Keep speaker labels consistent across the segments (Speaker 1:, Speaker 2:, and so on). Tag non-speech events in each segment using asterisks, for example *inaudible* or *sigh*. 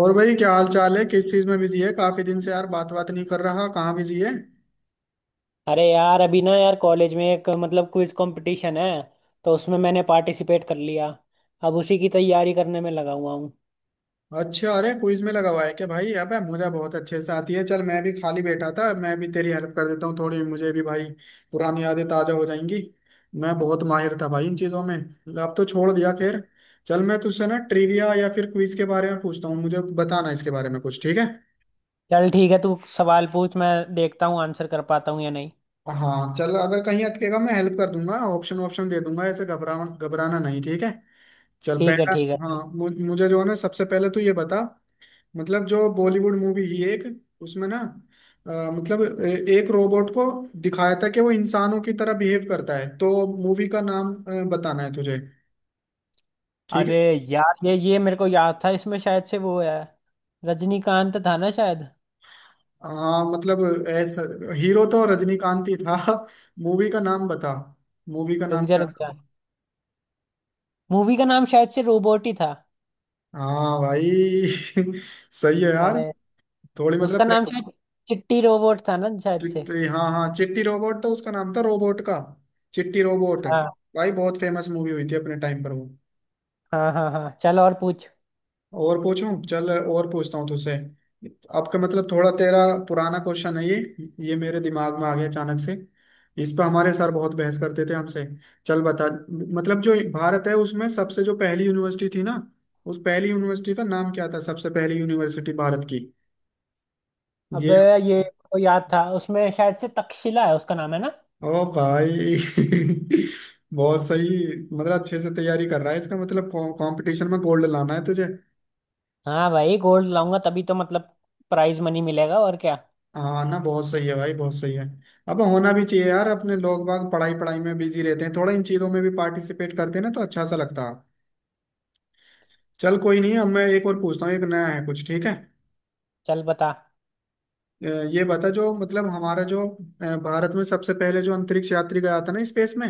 Speaker 1: और भाई क्या हाल चाल है। किस चीज में बिजी है? काफी दिन से यार बात बात नहीं कर रहा। कहाँ बिजी है?
Speaker 2: अरे यार अभी ना यार कॉलेज में एक मतलब क्विज कंपटीशन है। तो उसमें मैंने पार्टिसिपेट कर लिया। अब उसी की तैयारी करने में लगा हुआ हूँ।
Speaker 1: अच्छा, अरे क्विज में लगा हुआ है क्या भाई? अबे मुझे बहुत अच्छे से आती है। चल मैं भी खाली बैठा था, मैं भी तेरी हेल्प कर देता हूँ थोड़ी, मुझे भी भाई पुरानी यादें ताजा हो जाएंगी। मैं बहुत माहिर था भाई इन चीजों में। अब तो छोड़ दिया, खैर। चल मैं तुझसे ना ट्रिविया या फिर क्विज के बारे में पूछता हूँ, मुझे बताना इसके बारे में कुछ। ठीक है?
Speaker 2: चल ठीक है तू सवाल पूछ, मैं देखता हूँ आंसर कर पाता हूँ या नहीं।
Speaker 1: हाँ चल, अगर कहीं अटकेगा मैं हेल्प कर दूंगा, ऑप्शन ऑप्शन दे दूंगा। ऐसे घबरा घबराना नहीं, ठीक है। चल
Speaker 2: ठीक है
Speaker 1: पहला।
Speaker 2: ठीक है।
Speaker 1: हाँ, मुझे जो है ना सबसे पहले तो ये बता, मतलब जो बॉलीवुड मूवी ही एक, उसमें ना मतलब एक रोबोट को दिखाया था कि वो इंसानों की तरह बिहेव करता है, तो मूवी का नाम बताना है तुझे। ठीक है?
Speaker 2: अरे यार ये मेरे को याद था इसमें शायद से वो है रजनीकांत था ना शायद।
Speaker 1: हाँ मतलब ऐसा, हीरो तो रजनीकांत ही था। *laughs* मूवी का नाम बता, मूवी का
Speaker 2: रुक
Speaker 1: नाम
Speaker 2: जा
Speaker 1: क्या
Speaker 2: रुक
Speaker 1: था?
Speaker 2: जा, मूवी का नाम शायद से रोबोट ही था।
Speaker 1: हाँ भाई। *laughs* सही है यार।
Speaker 2: अरे
Speaker 1: थोड़ी मतलब,
Speaker 2: उसका नाम शायद चिट्टी रोबोट था ना शायद से।
Speaker 1: चिट्टी, हाँ हाँ चिट्टी रोबोट तो उसका नाम था, रोबोट का चिट्टी रोबोट।
Speaker 2: हाँ
Speaker 1: भाई बहुत फेमस मूवी हुई थी अपने टाइम पर वो।
Speaker 2: हाँ हाँ हाँ, चल और पूछ।
Speaker 1: और पूछूं? चल और पूछता हूँ तुझसे। आपका मतलब थोड़ा तेरा पुराना क्वेश्चन है ये मेरे दिमाग में आ गया अचानक से। इस पर हमारे सर बहुत बहस करते थे हमसे। चल बता, मतलब जो भारत है उसमें सबसे जो पहली यूनिवर्सिटी थी ना, उस पहली यूनिवर्सिटी का नाम क्या था? सबसे पहली यूनिवर्सिटी भारत की। ये
Speaker 2: अबे ये को याद था उसमें शायद से तक्षशिला है उसका नाम है ना।
Speaker 1: ओ भाई। *laughs* बहुत सही, मतलब अच्छे से तैयारी कर रहा है। इसका मतलब कंपटीशन में गोल्ड लाना है तुझे।
Speaker 2: हाँ भाई गोल्ड लाऊंगा तभी तो मतलब प्राइज मनी मिलेगा और क्या।
Speaker 1: हाँ ना, बहुत सही है भाई, बहुत सही है। अब होना भी चाहिए यार, अपने लोग बाग पढ़ाई पढ़ाई में बिजी रहते हैं, थोड़ा इन चीजों में भी पार्टिसिपेट करते हैं ना तो अच्छा सा लगता है। चल कोई नहीं, अब मैं एक और पूछता हूँ, एक नया है कुछ। ठीक है?
Speaker 2: चल बता।
Speaker 1: अ, ये बता जो मतलब हमारा जो भारत में सबसे पहले जो अंतरिक्ष यात्री गया था ना स्पेस में,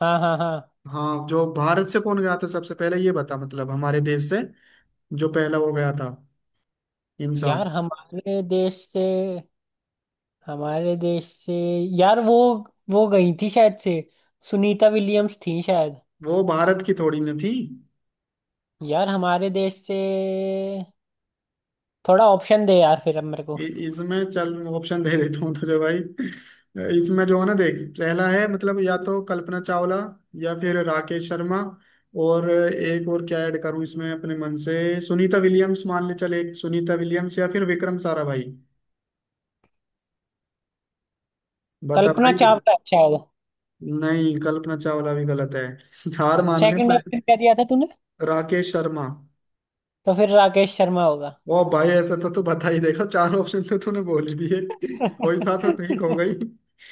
Speaker 2: हाँ हाँ हाँ,
Speaker 1: हाँ, जो भारत से कौन गया था सबसे पहले, ये बता मतलब, हमारे देश से जो पहला वो गया था इंसान।
Speaker 2: यार हमारे देश से, हमारे देश से, यार वो गई थी शायद से, सुनीता विलियम्स थी शायद।
Speaker 1: वो भारत की थोड़ी ना थी।
Speaker 2: यार हमारे देश से, थोड़ा ऑप्शन दे यार फिर अब मेरे को।
Speaker 1: इसमें चल ऑप्शन दे देता हूँ तुझे भाई। *laughs* इसमें जो है ना, देख पहला है मतलब या तो कल्पना चावला या फिर राकेश शर्मा, और एक और क्या ऐड करूं इसमें अपने मन से, सुनीता विलियम्स मान ले, चल एक सुनीता विलियम्स या फिर विक्रम साराभाई। बता
Speaker 2: कल्पना
Speaker 1: भाई।
Speaker 2: चावला है शायद।
Speaker 1: नहीं, कल्पना चावला भी गलत है। *laughs* हार मान ले।
Speaker 2: सेकंड ऑप्शन क्या दिया था तूने?
Speaker 1: राकेश शर्मा?
Speaker 2: तो फिर राकेश शर्मा होगा।
Speaker 1: ओ भाई, ऐसा तो तू बता ही, देखा चार ऑप्शन तो तूने बोल ही दिए। *laughs* कोई सा तो ठीक हो
Speaker 2: *laughs* तू
Speaker 1: गई।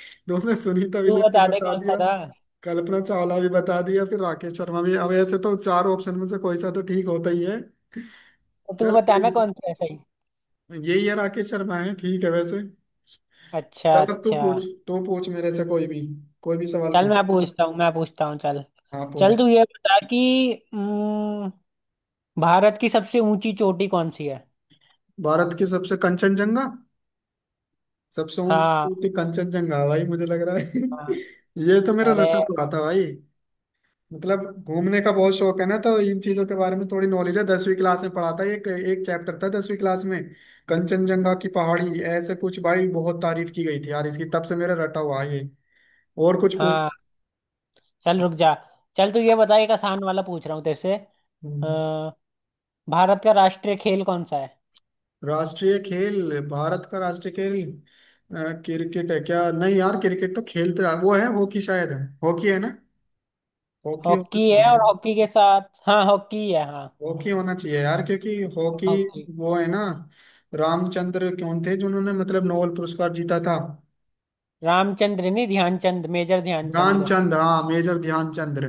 Speaker 1: तुमने सुनीता विलियम भी
Speaker 2: बता दे
Speaker 1: बता
Speaker 2: कौन सा
Speaker 1: दिया,
Speaker 2: था।
Speaker 1: कल्पना चावला भी बता दिया, फिर राकेश शर्मा भी, अब ऐसे तो चार ऑप्शन में से कोई सा तो ठीक होता ही है।
Speaker 2: तो तू
Speaker 1: चल कोई,
Speaker 2: बताना कौन सा है सही।
Speaker 1: यही है, राकेश शर्मा है। ठीक है वैसे।
Speaker 2: अच्छा
Speaker 1: चल अब तू
Speaker 2: अच्छा।
Speaker 1: पूछ, तू पूछ मेरे से कोई भी, कोई भी सवाल
Speaker 2: चल
Speaker 1: पूछ।
Speaker 2: मैं पूछता हूँ, मैं पूछता हूँ चल।
Speaker 1: हाँ पूछ।
Speaker 2: चल तू ये बता कि हम्म, भारत की सबसे ऊंची चोटी कौन सी है?
Speaker 1: भारत की सबसे, कंचनजंगा। सबसे ऊंची
Speaker 2: हाँ
Speaker 1: ऊंची कंचनजंगा भाई, मुझे लग रहा है।
Speaker 2: हाँ
Speaker 1: *laughs* ये तो मेरा
Speaker 2: अरे
Speaker 1: रटक हुआ था भाई। मतलब घूमने का बहुत शौक है ना, तो इन चीजों के बारे में थोड़ी नॉलेज है। दसवीं क्लास में पढ़ा था, एक एक चैप्टर था दसवीं क्लास में, कंचनजंगा की पहाड़ी, ऐसे कुछ भाई बहुत तारीफ की गई थी यार इसकी, तब से मेरा रटा हुआ है ये। और कुछ पूछ।
Speaker 2: हाँ। चल रुक जा, चल तू ये बता, एक आसान वाला पूछ रहा हूँ तेरे से। अ,
Speaker 1: हम्म,
Speaker 2: भारत का राष्ट्रीय खेल कौन सा है?
Speaker 1: राष्ट्रीय खेल, भारत का राष्ट्रीय खेल क्रिकेट है क्या? नहीं यार क्रिकेट तो खेलते रहा, वो है हॉकी, शायद है हॉकी है ना, हॉकी होना
Speaker 2: हॉकी है,
Speaker 1: चाहिए।
Speaker 2: और हॉकी के साथ हाँ हॉकी है हाँ।
Speaker 1: हॉकी होना चाहिए यार क्योंकि हॉकी,
Speaker 2: हॉकी।
Speaker 1: वो है ना रामचंद्र कौन थे जिन्होंने मतलब नोबेल पुरस्कार जीता था।
Speaker 2: रामचंद्र नहीं, ध्यानचंद, मेजर ध्यानचंद।
Speaker 1: ध्यानचंद, हाँ मेजर ध्यानचंद्र।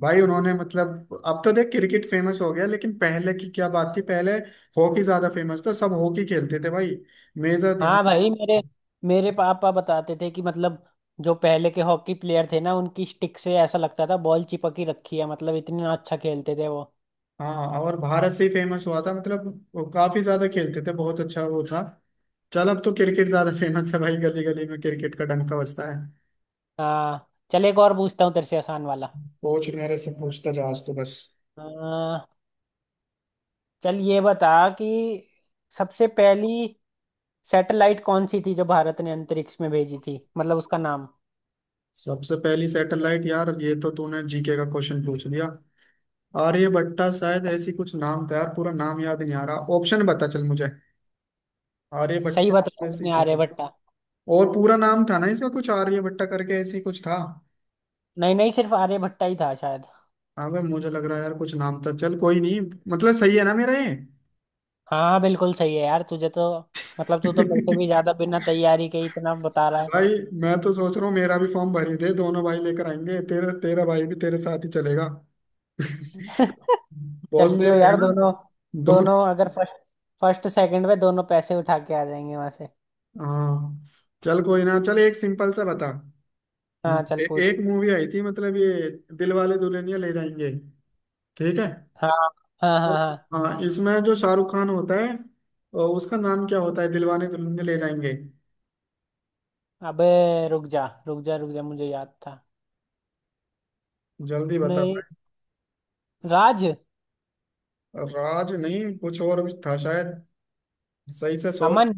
Speaker 1: भाई उन्होंने मतलब, अब तो देख क्रिकेट फेमस हो गया, लेकिन पहले की क्या बात थी, पहले हॉकी ज्यादा फेमस था, सब हॉकी खेलते थे भाई। मेजर ध्यान।
Speaker 2: हाँ भाई मेरे मेरे पापा बताते थे कि मतलब जो पहले के हॉकी प्लेयर थे ना, उनकी स्टिक से ऐसा लगता था बॉल चिपकी रखी है, मतलब इतना अच्छा खेलते थे वो।
Speaker 1: हाँ और भारत से ही फेमस हुआ था मतलब, वो काफी ज्यादा खेलते थे, बहुत अच्छा वो था। चल अब तो क्रिकेट ज्यादा फेमस है भाई, गली गली में क्रिकेट का डंका बजता है।
Speaker 2: हाँ चल एक और पूछता हूँ तेरे से आसान वाला।
Speaker 1: पूछ मेरे से, पूछता जा आज तो बस।
Speaker 2: हाँ चल ये बता कि सबसे पहली सैटेलाइट कौन सी थी जो भारत ने अंतरिक्ष में भेजी थी, मतलब उसका नाम।
Speaker 1: सबसे पहली सैटेलाइट, यार ये तो तूने जीके का क्वेश्चन पूछ लिया। आर्य भट्टा शायद, ऐसी कुछ नाम था यार, पूरा नाम याद नहीं आ रहा, ऑप्शन बता चल मुझे। आर्य
Speaker 2: सही
Speaker 1: भट्टा,
Speaker 2: बताया
Speaker 1: ऐसी
Speaker 2: तुमने,
Speaker 1: थी कुछ,
Speaker 2: आर्यभट्टा।
Speaker 1: और पूरा नाम था ना इसका कुछ आर्य भट्टा करके, ऐसी कुछ था।
Speaker 2: नहीं नहीं, सिर्फ आर्यभट्टा ही था शायद।
Speaker 1: हाँ भाई मुझे लग रहा है यार कुछ नाम था। चल कोई नहीं, मतलब सही है ना मेरा ये।
Speaker 2: हाँ बिल्कुल सही है यार, तुझे तो मतलब तू तो मेरे से भी ज्यादा
Speaker 1: *laughs*
Speaker 2: बिना तैयारी के ही इतना बता रहा
Speaker 1: भाई, मैं तो सोच रहा हूँ मेरा भी फॉर्म भर ही दे, दोनों भाई लेकर आएंगे, तेरा, तेरा भाई भी तेरे साथ ही चलेगा। *laughs*
Speaker 2: है। *laughs* चल
Speaker 1: बहुत सही
Speaker 2: लियो
Speaker 1: रहेगा
Speaker 2: यार,
Speaker 1: ना।
Speaker 2: दोनों,
Speaker 1: दो।
Speaker 2: दोनों अगर फर्स्ट फर्स्ट सेकंड में दोनों पैसे उठा के आ जाएंगे वहां से।
Speaker 1: हाँ चल कोई ना, चल एक सिंपल सा बता।
Speaker 2: हाँ चल
Speaker 1: ए,
Speaker 2: पूछ।
Speaker 1: एक मूवी आई थी मतलब ये दिल वाले दुल्हनिया ले जाएंगे, ठीक है,
Speaker 2: हाँ हाँ
Speaker 1: तो
Speaker 2: हाँ हाँ।
Speaker 1: हाँ इसमें जो शाहरुख खान होता है उसका नाम क्या होता है? दिलवाने दुल्हनिया ले जाएंगे,
Speaker 2: अबे रुक जा रुक जा रुक जा, मुझे याद था।
Speaker 1: जल्दी बता
Speaker 2: नहीं,
Speaker 1: भाई।
Speaker 2: राज।
Speaker 1: राज? नहीं, कुछ और भी था शायद, सही से सोच।
Speaker 2: अमन।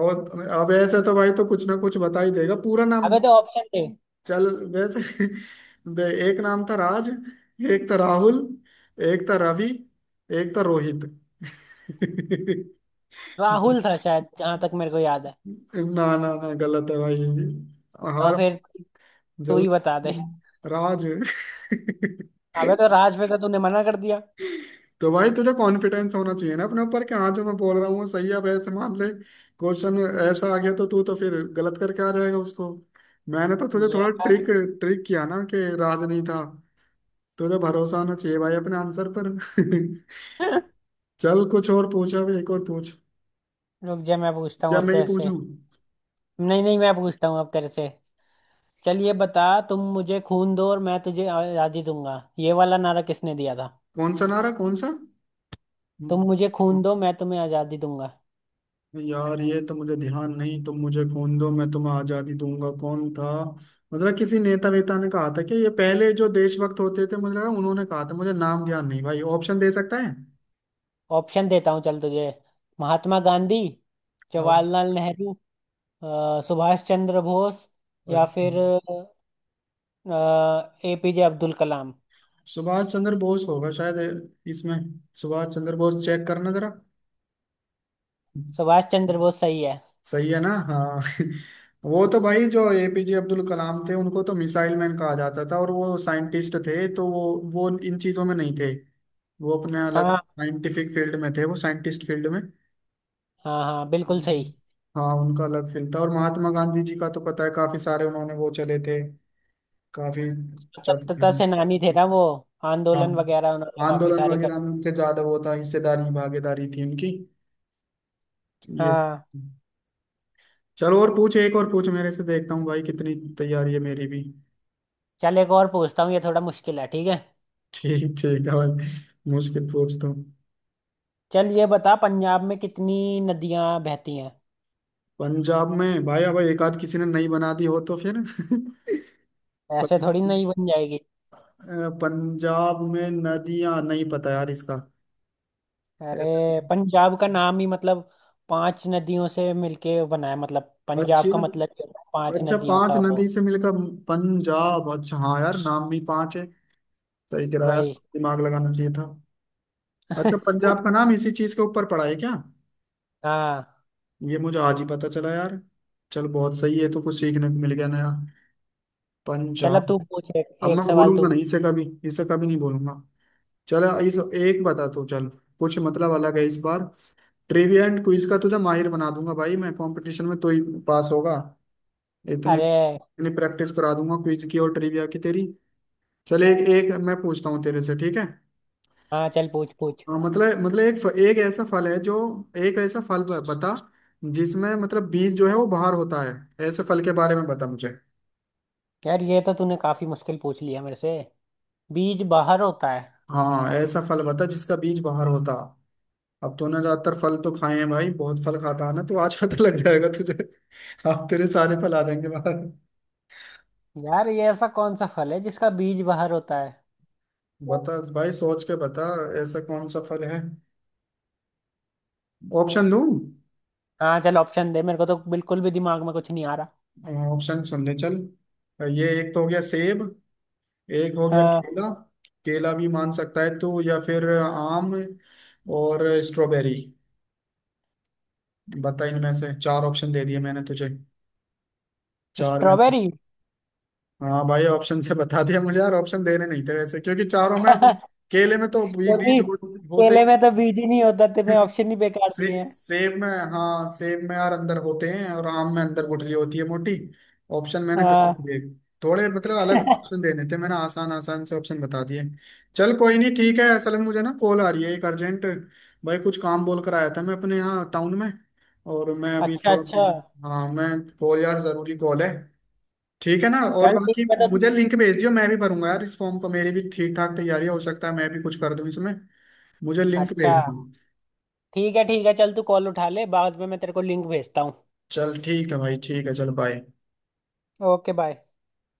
Speaker 1: और अब ऐसे तो भाई तो कुछ ना कुछ बता ही देगा पूरा नाम।
Speaker 2: अबे तो ऑप्शन थे।
Speaker 1: चल वैसे। *laughs* दे, एक नाम था राज, एक था राहुल, एक था रवि, एक था रोहित।
Speaker 2: राहुल
Speaker 1: *laughs*
Speaker 2: था शायद जहां तक मेरे को याद है।
Speaker 1: ना ना ना, गलत है भाई,
Speaker 2: तो
Speaker 1: हार,
Speaker 2: फिर तू
Speaker 1: जल,
Speaker 2: ही बता दे।
Speaker 1: राज।
Speaker 2: अबे तो राज पे तो तूने मना कर दिया।
Speaker 1: तो भाई तुझे कॉन्फिडेंस होना चाहिए ना अपने ऊपर कि हाँ जो मैं बोल रहा हूँ वो सही है। अब ऐसे मान ले क्वेश्चन ऐसा आ गया, तो तू तो फिर गलत करके आ जाएगा उसको। मैंने तो तुझे थोड़ा
Speaker 2: यार
Speaker 1: ट्रिक, ट्रिक किया ना कि राज नहीं था। तुझे भरोसा होना चाहिए भाई अपने आंसर पर। *laughs*
Speaker 2: *laughs*
Speaker 1: चल कुछ और पूछा, अभी एक और पूछ,
Speaker 2: रुक जा, मैं पूछता हूँ
Speaker 1: या
Speaker 2: अब
Speaker 1: मैं ही
Speaker 2: तेरे से।
Speaker 1: पूछूं?
Speaker 2: नहीं नहीं मैं पूछता हूँ अब तेरे से। चल ये बता, तुम मुझे खून दो और मैं तुझे आज़ादी दूंगा, ये वाला नारा किसने दिया था?
Speaker 1: कौन सा नारा, कौन सा?
Speaker 2: तुम मुझे खून दो, मैं तुम्हें आज़ादी दूंगा।
Speaker 1: यार ये तो मुझे ध्यान नहीं, तुम मुझे खून दो मैं तुम्हें आजादी दूंगा, कौन था? मतलब किसी नेता वेता ने कहा था कि, ये पहले जो देशभक्त होते थे मुझे लगा उन्होंने कहा था, मुझे नाम ध्यान नहीं भाई, ऑप्शन दे सकता है।
Speaker 2: ऑप्शन देता हूँ चल तुझे। महात्मा गांधी,
Speaker 1: आओ,
Speaker 2: जवाहरलाल नेहरू, सुभाष चंद्र बोस, या
Speaker 1: अच्छा।
Speaker 2: फिर एपीजे अब्दुल कलाम।
Speaker 1: सुभाष चंद्र बोस होगा शायद इसमें, सुभाष चंद्र बोस चेक करना जरा।
Speaker 2: सुभाष चंद्र बोस सही है।
Speaker 1: सही है ना, हाँ। *laughs* वो तो भाई जो एपीजे अब्दुल कलाम थे उनको तो मिसाइल मैन कहा जाता था, और वो साइंटिस्ट थे, तो वो इन चीजों में नहीं थे, वो अपने अलग
Speaker 2: हाँ
Speaker 1: साइंटिफिक फील्ड में थे, वो साइंटिस्ट फील्ड में।
Speaker 2: हाँ हाँ बिल्कुल सही।
Speaker 1: हाँ उनका अलग फील्ड था। और महात्मा गांधी जी का तो पता है, काफी सारे उन्होंने वो चले थे, काफी चर्चे
Speaker 2: स्वतंत्रता
Speaker 1: में।
Speaker 2: सेनानी थे ना वो,
Speaker 1: हाँ
Speaker 2: आंदोलन वगैरह उन्होंने काफी
Speaker 1: आंदोलन
Speaker 2: सारे कर।
Speaker 1: वगैरह में उनके ज्यादा वो था, हिस्सेदारी भागीदारी थी उनकी तो, ये।
Speaker 2: हाँ
Speaker 1: चलो और पूछ, एक और पूछ मेरे से, देखता हूँ भाई कितनी तैयारी है मेरी भी।
Speaker 2: चल एक और पूछता हूँ, ये थोड़ा मुश्किल है ठीक है।
Speaker 1: ठीक, ठीक है भाई, मुश्किल पूछता हूँ।
Speaker 2: चल ये बता, पंजाब में कितनी नदियां बहती हैं?
Speaker 1: पंजाब में भाई अब एक आध किसी ने नहीं बना दी हो तो फिर।
Speaker 2: ऐसे थोड़ी नहीं
Speaker 1: *laughs*
Speaker 2: बन जाएगी।
Speaker 1: पंजाब में नदियां, नहीं पता यार इसका,
Speaker 2: अरे
Speaker 1: ऐसा-।
Speaker 2: पंजाब का नाम ही मतलब पांच नदियों से मिलके बना है, मतलब पंजाब
Speaker 1: अच्छी,
Speaker 2: का मतलब ही होता है पांच
Speaker 1: अच्छा
Speaker 2: नदियों
Speaker 1: पांच
Speaker 2: का वो।
Speaker 1: नदी से मिलकर पंजाब, अच्छा हाँ यार नाम भी पांच है, सही कह रहा यार,
Speaker 2: वही।
Speaker 1: दिमाग लगाना चाहिए था। अच्छा
Speaker 2: *laughs*
Speaker 1: पंजाब का नाम इसी चीज के ऊपर पड़ा है क्या?
Speaker 2: हाँ
Speaker 1: ये मुझे आज ही पता चला यार। चल बहुत सही है, तो कुछ सीखने को मिल गया नया।
Speaker 2: चल अब
Speaker 1: पंजाब।
Speaker 2: तू पूछ, एक,
Speaker 1: अब
Speaker 2: एक
Speaker 1: मैं
Speaker 2: सवाल तू
Speaker 1: भूलूंगा
Speaker 2: पूछ।
Speaker 1: नहीं इसे कभी, इसे कभी नहीं भूलूंगा। चल इस एक बता तू, चल कुछ मतलब अलग है इस बार। ट्रिविया एंड क्विज का तुझे माहिर बना दूंगा भाई, मैं कंपटीशन में तो ही पास होगा। इतने,
Speaker 2: अरे
Speaker 1: इतनी प्रैक्टिस करा दूंगा क्विज की और ट्रिविया की तेरी। चल एक एक मैं पूछता हूँ तेरे से, ठीक है।
Speaker 2: हाँ चल पूछ पूछ।
Speaker 1: हाँ, मतलब एक एक ऐसा फल है जो, एक ऐसा फल बता जिसमें मतलब बीज जो है वो बाहर होता है, ऐसे फल के बारे में बता मुझे।
Speaker 2: यार ये तो तूने काफी मुश्किल पूछ लिया मेरे से। बीज बाहर होता है।
Speaker 1: हाँ ऐसा फल बता जिसका बीज बाहर होता। अब तूने ज्यादातर फल तो खाए हैं भाई, बहुत फल खाता है ना तो आज पता लग जाएगा तुझे। *laughs* अब तेरे सारे फल आ जाएंगे बाहर।
Speaker 2: यार ये ऐसा कौन सा फल है जिसका बीज बाहर होता है?
Speaker 1: बता भाई, सोच के बता, ऐसा कौन सा फल है? ऑप्शन दूं?
Speaker 2: हाँ चल ऑप्शन दे, मेरे को तो बिल्कुल भी दिमाग में कुछ नहीं आ रहा।
Speaker 1: ऑप्शन सुनने चल, ये एक तो हो गया सेब, एक हो गया
Speaker 2: हाँ।
Speaker 1: केला, केला भी मान सकता है तू, या फिर आम, और स्ट्रॉबेरी। बता इनमें से, चार ऑप्शन दे दिए मैंने तुझे, चार में।
Speaker 2: स्ट्रॉबेरी। *laughs*
Speaker 1: हाँ भाई, ऑप्शन से बता दिया मुझे यार, ऑप्शन देने नहीं थे वैसे क्योंकि चारों में, अब
Speaker 2: क्योंकि
Speaker 1: केले में तो बीज होते
Speaker 2: केले में
Speaker 1: ही
Speaker 2: तो बीज ही नहीं होता, तेरे
Speaker 1: नहीं। *laughs*
Speaker 2: ऑप्शन ही बेकार दिए हैं।
Speaker 1: सेब में, हाँ सेब में यार अंदर होते हैं, और आम में अंदर गुठली होती है मोटी। ऑप्शन मैंने कर
Speaker 2: हाँ
Speaker 1: दिए थोड़े, मतलब अलग ऑप्शन
Speaker 2: *laughs*
Speaker 1: देने थे मैंने, आसान आसान से ऑप्शन बता दिए। चल कोई नहीं, ठीक है, असल में मुझे ना कॉल आ रही है एक अर्जेंट, भाई कुछ काम बोल कर आया था मैं अपने यहाँ टाउन में, और मैं अभी
Speaker 2: अच्छा
Speaker 1: थोड़ा,
Speaker 2: अच्छा,
Speaker 1: हाँ मैं कॉल, यार जरूरी कॉल है, ठीक है ना, और
Speaker 2: चल ठीक
Speaker 1: बाकी
Speaker 2: है तो तू।
Speaker 1: मुझे लिंक भेज दियो, मैं भी भरूंगा यार इस फॉर्म को, मेरी भी ठीक ठाक तैयारी है, हो सकता है मैं भी कुछ कर दूं इसमें, मुझे लिंक
Speaker 2: अच्छा
Speaker 1: भेज दो।
Speaker 2: ठीक है ठीक है, चल तू कॉल उठा ले, बाद में मैं तेरे को लिंक भेजता हूँ।
Speaker 1: चल ठीक है भाई, ठीक है, चल बाय।
Speaker 2: Okay bye.